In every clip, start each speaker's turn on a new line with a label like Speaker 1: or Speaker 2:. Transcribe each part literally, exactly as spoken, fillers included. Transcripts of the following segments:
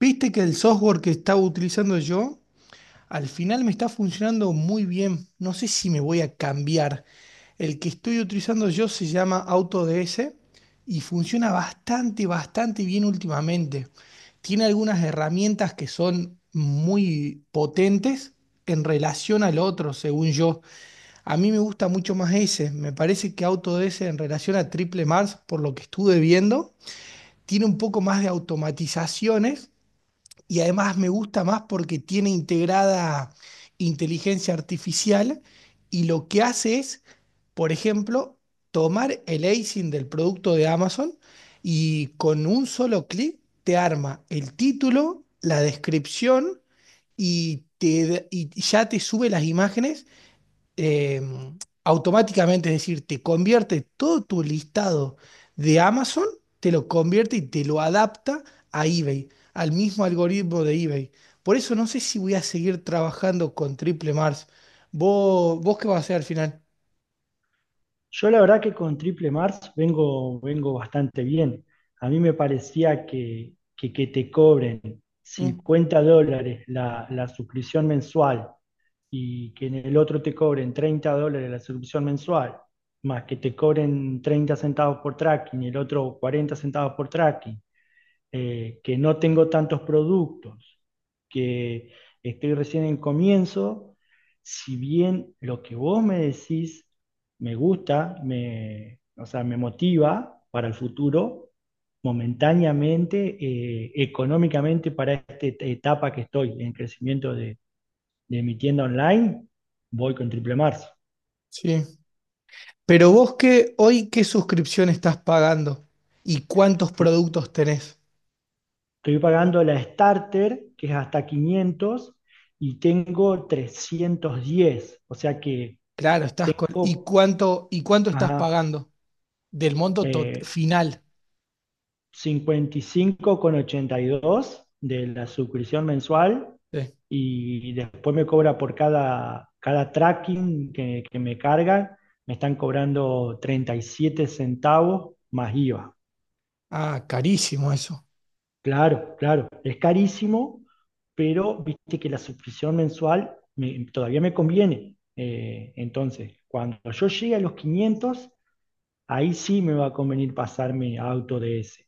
Speaker 1: Viste que el software que estaba utilizando yo al final me está funcionando muy bien. No sé si me voy a cambiar. El que estoy utilizando yo se llama AutoDS y funciona bastante, bastante bien últimamente. Tiene algunas herramientas que son muy potentes en relación al otro, según yo. A mí me gusta mucho más ese. Me parece que AutoDS en relación a Triple Mars, por lo que estuve viendo, tiene un poco más de automatizaciones y además me gusta más porque tiene integrada inteligencia artificial y lo que hace es, por ejemplo, tomar el asin del producto de Amazon y con un solo clic te arma el título, la descripción y, te, y ya te sube las imágenes eh, automáticamente, es decir, te convierte todo tu listado de Amazon, te lo convierte y te lo adapta a eBay, al mismo algoritmo de eBay. Por eso no sé si voy a seguir trabajando con Triple Mars. ¿Vos, vos qué vas a hacer al final?
Speaker 2: Yo la verdad que con Triple Mars vengo, vengo bastante bien. A mí me parecía que, que, que te cobren
Speaker 1: Mm,
Speaker 2: cincuenta dólares la, la suscripción mensual, y que en el otro te cobren treinta dólares la suscripción mensual, más que te cobren treinta centavos por tracking y el otro cuarenta centavos por tracking, eh, que no tengo tantos productos, que estoy recién en comienzo. Si bien lo que vos me decís me gusta, me, o sea, me motiva para el futuro. Momentáneamente, eh, económicamente, para esta etapa que estoy en crecimiento de, de mi tienda online, voy con Triple Marzo.
Speaker 1: sí. Pero vos qué, hoy qué suscripción estás pagando y cuántos
Speaker 2: Estoy
Speaker 1: productos tenés.
Speaker 2: pagando la starter, que es hasta quinientos, y tengo trescientos diez, o sea que
Speaker 1: Claro, estás con. ¿Y
Speaker 2: tengo,
Speaker 1: cuánto, y cuánto estás
Speaker 2: ajá,
Speaker 1: pagando del monto tot-
Speaker 2: eh,
Speaker 1: final?
Speaker 2: cincuenta y cinco con ochenta y dos de la suscripción mensual.
Speaker 1: Sí.
Speaker 2: Y después me cobra por cada, cada tracking que, que me cargan; me están cobrando treinta y siete centavos más IVA.
Speaker 1: Ah, carísimo eso.
Speaker 2: Claro, claro, es carísimo, pero viste que la suscripción mensual me- todavía me conviene. Eh, entonces, cuando yo llegue a los quinientos, ahí sí me va a convenir pasarme a Auto D S.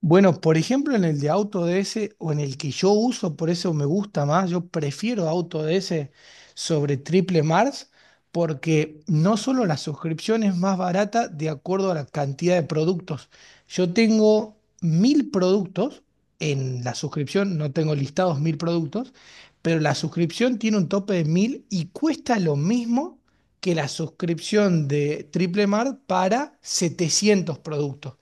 Speaker 1: Bueno, por ejemplo, en el de AutoDS o en el que yo uso, por eso me gusta más, yo prefiero AutoDS sobre Triple Mars porque no solo la suscripción es más barata de acuerdo a la cantidad de productos. Yo tengo mil productos en la suscripción, no tengo listados mil productos, pero la suscripción tiene un tope de mil y cuesta lo mismo que la suscripción de Triple Mart para setecientos productos.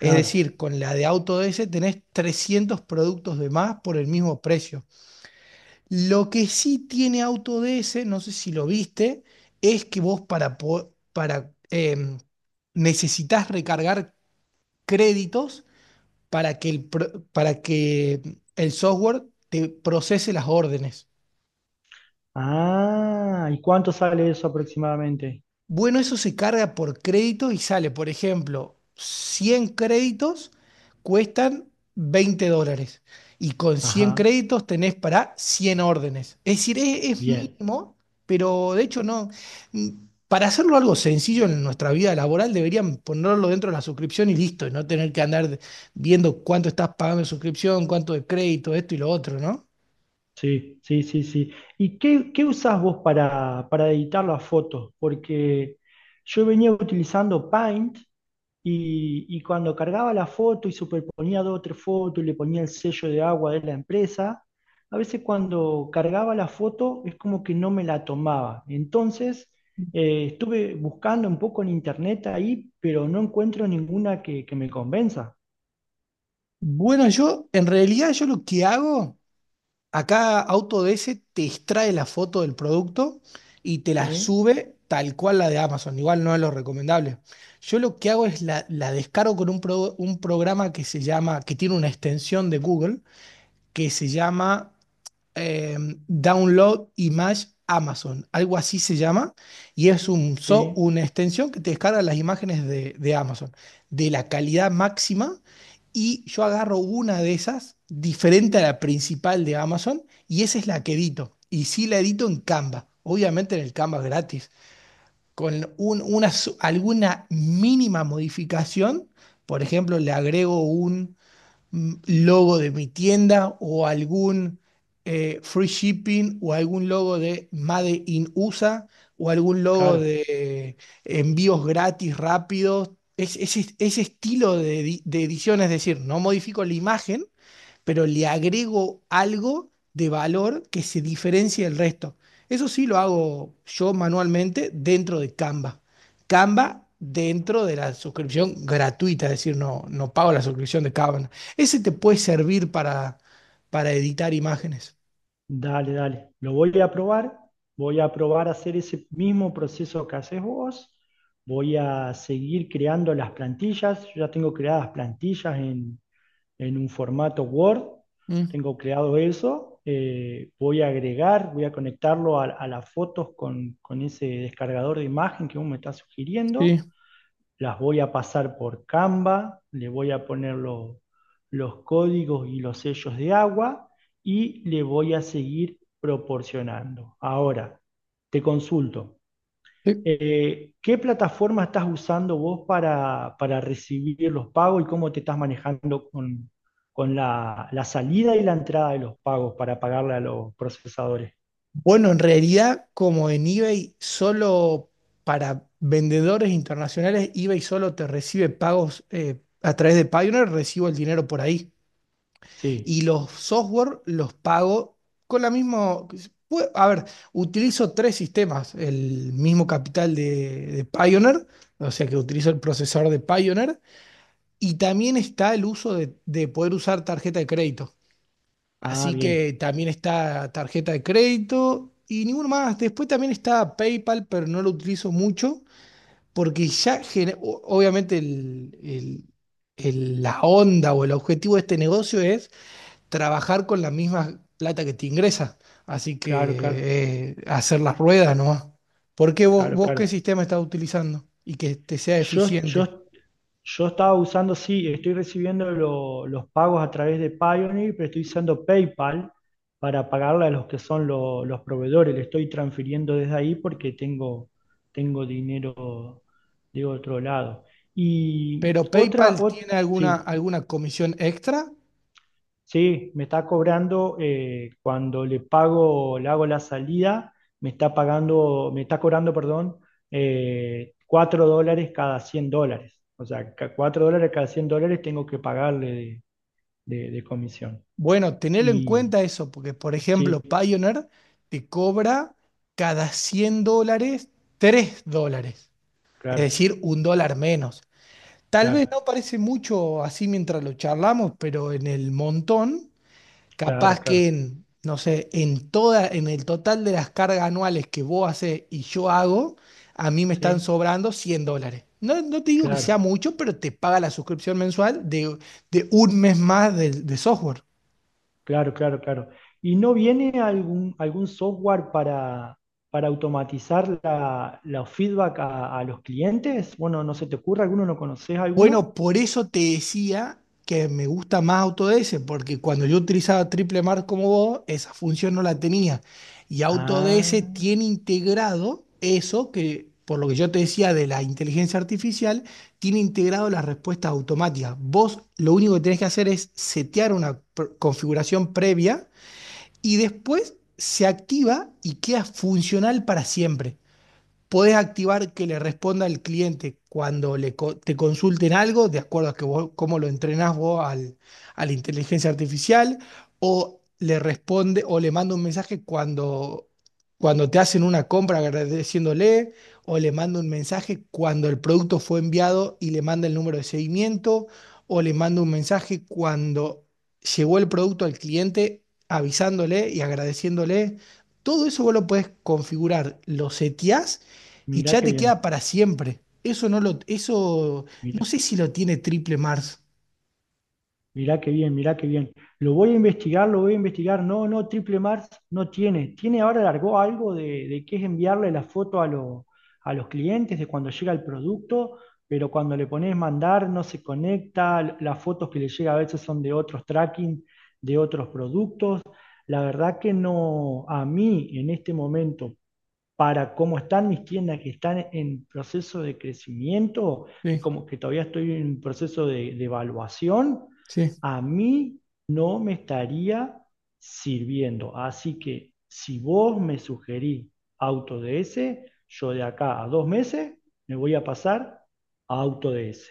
Speaker 1: Es
Speaker 2: Claro.
Speaker 1: decir, con la de AutoDS tenés trescientos productos de más por el mismo precio. Lo que sí tiene AutoDS, no sé si lo viste, es que vos para, po- para em, necesitas recargar créditos para que el, pro- para que el software te procese las órdenes.
Speaker 2: Ah, ¿y cuánto sale eso aproximadamente?
Speaker 1: Bueno, eso se carga por crédito y sale, por ejemplo, cien créditos cuestan veinte dólares y con cien
Speaker 2: Ajá,
Speaker 1: créditos tenés para cien órdenes. Es decir, es, es
Speaker 2: bien.
Speaker 1: mínimo, pero de hecho no. Mm, Para hacerlo algo sencillo en nuestra vida laboral deberían ponerlo dentro de la suscripción y listo, y no tener que andar de- viendo cuánto estás pagando de suscripción, cuánto de crédito, esto y lo otro, ¿no?
Speaker 2: Sí, sí, sí, sí. ¿Y qué, qué usás vos para, para editar las fotos? Porque yo venía utilizando Paint, y, y cuando cargaba la foto y superponía dos o tres fotos y le ponía el sello de agua de la empresa, a veces cuando cargaba la foto es como que no me la tomaba. Entonces, eh, estuve buscando un poco en internet ahí, pero no encuentro ninguna que, que me convenza.
Speaker 1: Bueno, yo en realidad yo lo que hago. Acá Autodesk te extrae la foto del producto y te la
Speaker 2: Sí,
Speaker 1: sube tal cual la de Amazon. Igual no es lo recomendable. Yo lo que hago es la, la descargo con un, pro- un programa que se llama, que tiene una extensión de Google, que se llama eh, Download Image Amazon, algo así se llama, y es un, so-
Speaker 2: sí,
Speaker 1: una extensión que te descarga las imágenes de, de Amazon, de la calidad máxima, y yo agarro una de esas, diferente a la principal de Amazon, y esa es la que edito, y sí la edito en Canva, obviamente en el Canva gratis, con un- una, su- alguna mínima modificación, por ejemplo, le agrego un mm, logo de mi tienda o algún eh, free shipping o algún logo de Made in U S A o algún logo
Speaker 2: claro.
Speaker 1: de eh, envíos gratis rápidos. Es, ese ese estilo de, edi- de edición, es decir, no modifico la imagen, pero le agrego algo de valor que se diferencie del resto. Eso sí lo hago yo manualmente dentro de Canva. Canva dentro de la suscripción gratuita, es decir, no, no pago la suscripción de Canva. Ese te puede servir para, para editar imágenes.
Speaker 2: Dale, dale. Lo voy a probar. Voy a probar a hacer ese mismo proceso que haces vos. Voy a seguir creando las plantillas. Yo ya tengo creadas plantillas en, en un formato Word.
Speaker 1: Mm,
Speaker 2: Tengo creado eso. Eh, voy a agregar, voy a conectarlo a, a las fotos con, con ese descargador de imagen que vos me estás
Speaker 1: sí,
Speaker 2: sugiriendo. Las voy a pasar por Canva, le voy a poner los los códigos y los sellos de agua, y le voy a seguir proporcionando. Ahora, te consulto,
Speaker 1: sí.
Speaker 2: eh, ¿qué plataforma estás usando vos para, para recibir los pagos y cómo te estás manejando con, con la, la salida y la entrada de los pagos para pagarle a los procesadores?
Speaker 1: Bueno, en realidad, como en eBay solo para vendedores internacionales, eBay solo te recibe pagos eh, a través de Payoneer, recibo el dinero por ahí.
Speaker 2: Sí.
Speaker 1: Y los software los pago con la misma. Pue- A ver, utilizo tres sistemas, el mismo capital de, de Pioneer, o sea que utilizo el procesador de Pioneer, y también está el uso de, de poder usar tarjeta de crédito.
Speaker 2: Ah,
Speaker 1: Así
Speaker 2: bien.
Speaker 1: que también está tarjeta de crédito y ninguno más. Después también está PayPal, pero no lo utilizo mucho porque ya, gener- o- obviamente, el- el- el- la onda o el objetivo de este negocio es trabajar con la misma plata que te ingresa. Así
Speaker 2: Claro, claro,
Speaker 1: que eh, hacer las ruedas nomás. ¿Por qué vos,
Speaker 2: claro,
Speaker 1: vos qué
Speaker 2: claro.
Speaker 1: sistema estás utilizando y que te sea
Speaker 2: Yo, yo
Speaker 1: eficiente?
Speaker 2: Yo estaba usando, sí, estoy recibiendo lo- los pagos a través de Payoneer, pero estoy usando PayPal para pagarle a los que son lo- los proveedores. Le estoy transfiriendo desde ahí porque tengo, tengo dinero de otro lado. Y
Speaker 1: Pero
Speaker 2: otra,
Speaker 1: PayPal
Speaker 2: ot-
Speaker 1: tiene alguna,
Speaker 2: sí.
Speaker 1: alguna comisión extra.
Speaker 2: Sí, me está cobrando, eh, cuando le pago, le hago la salida, me está pagando, me está cobrando, perdón, eh, cuatro dólares cada cien dólares. O sea, ca- cuatro dólares cada cien dólares tengo que pagarle de, de- de comisión.
Speaker 1: Bueno, tener en
Speaker 2: Y
Speaker 1: cuenta eso, porque por ejemplo,
Speaker 2: sí,
Speaker 1: Payoneer te cobra cada cien dólares tres dólares, es
Speaker 2: claro,
Speaker 1: decir, un dólar menos. Tal vez
Speaker 2: claro,
Speaker 1: no parece mucho así mientras lo charlamos, pero en el montón.
Speaker 2: claro,
Speaker 1: Capaz que
Speaker 2: claro,
Speaker 1: en, no sé, en toda, en el total de las cargas anuales que vos haces y yo hago, a mí me están
Speaker 2: sí,
Speaker 1: sobrando cien dólares. No, no te digo que sea
Speaker 2: claro.
Speaker 1: mucho, pero te paga la suscripción mensual de, de un mes más de, de software.
Speaker 2: Claro, claro, claro. ¿Y no viene algún, algún software para, para automatizar la, los feedback a, a los clientes? Bueno, ¿no se te ocurre alguno? ¿No conoces alguno?
Speaker 1: Bueno, por eso te decía que me gusta más Autodesk, porque cuando yo utilizaba Triple Mar como vos, esa función no la tenía. Y Autodesk
Speaker 2: Ah,
Speaker 1: tiene integrado eso que, por lo que yo te decía de la inteligencia artificial, tiene integrado las respuestas automáticas. Vos lo único que tenés que hacer es setear una pr- configuración previa y después se activa y queda funcional para siempre. Podés activar que le responda al cliente cuando le co- te consulten algo, de acuerdo a que vos- cómo lo entrenás vos al, a la inteligencia artificial, o le responde o le manda un mensaje cuando, cuando te hacen una compra agradeciéndole, o le manda un mensaje cuando el producto fue enviado y le manda el número de seguimiento, o le manda un mensaje cuando llegó el producto al cliente avisándole y agradeciéndole. Todo eso vos lo podés configurar, lo seteás y
Speaker 2: mirá
Speaker 1: ya
Speaker 2: qué
Speaker 1: te queda
Speaker 2: bien.
Speaker 1: para siempre. Eso no lo, eso no sé si lo tiene Triple Mars.
Speaker 2: Mirá qué bien, mirá qué bien. Lo voy a investigar, lo voy a investigar. No, no, Triple Mars no tiene. Tiene ahora, largó algo de, de que es enviarle la foto a, lo- a los clientes de cuando llega el producto, pero cuando le pones mandar no se conecta. Las fotos que le llega a veces son de otros tracking, de otros productos. La verdad que no, a mí en este momento, para cómo están mis tiendas que están en proceso de crecimiento, que,
Speaker 1: Sí,
Speaker 2: como, que todavía estoy en un proceso de, de evaluación,
Speaker 1: sí.
Speaker 2: a mí no me estaría sirviendo. Así que si vos me sugerís AutoDS, yo de acá a dos meses me voy a pasar a AutoDS.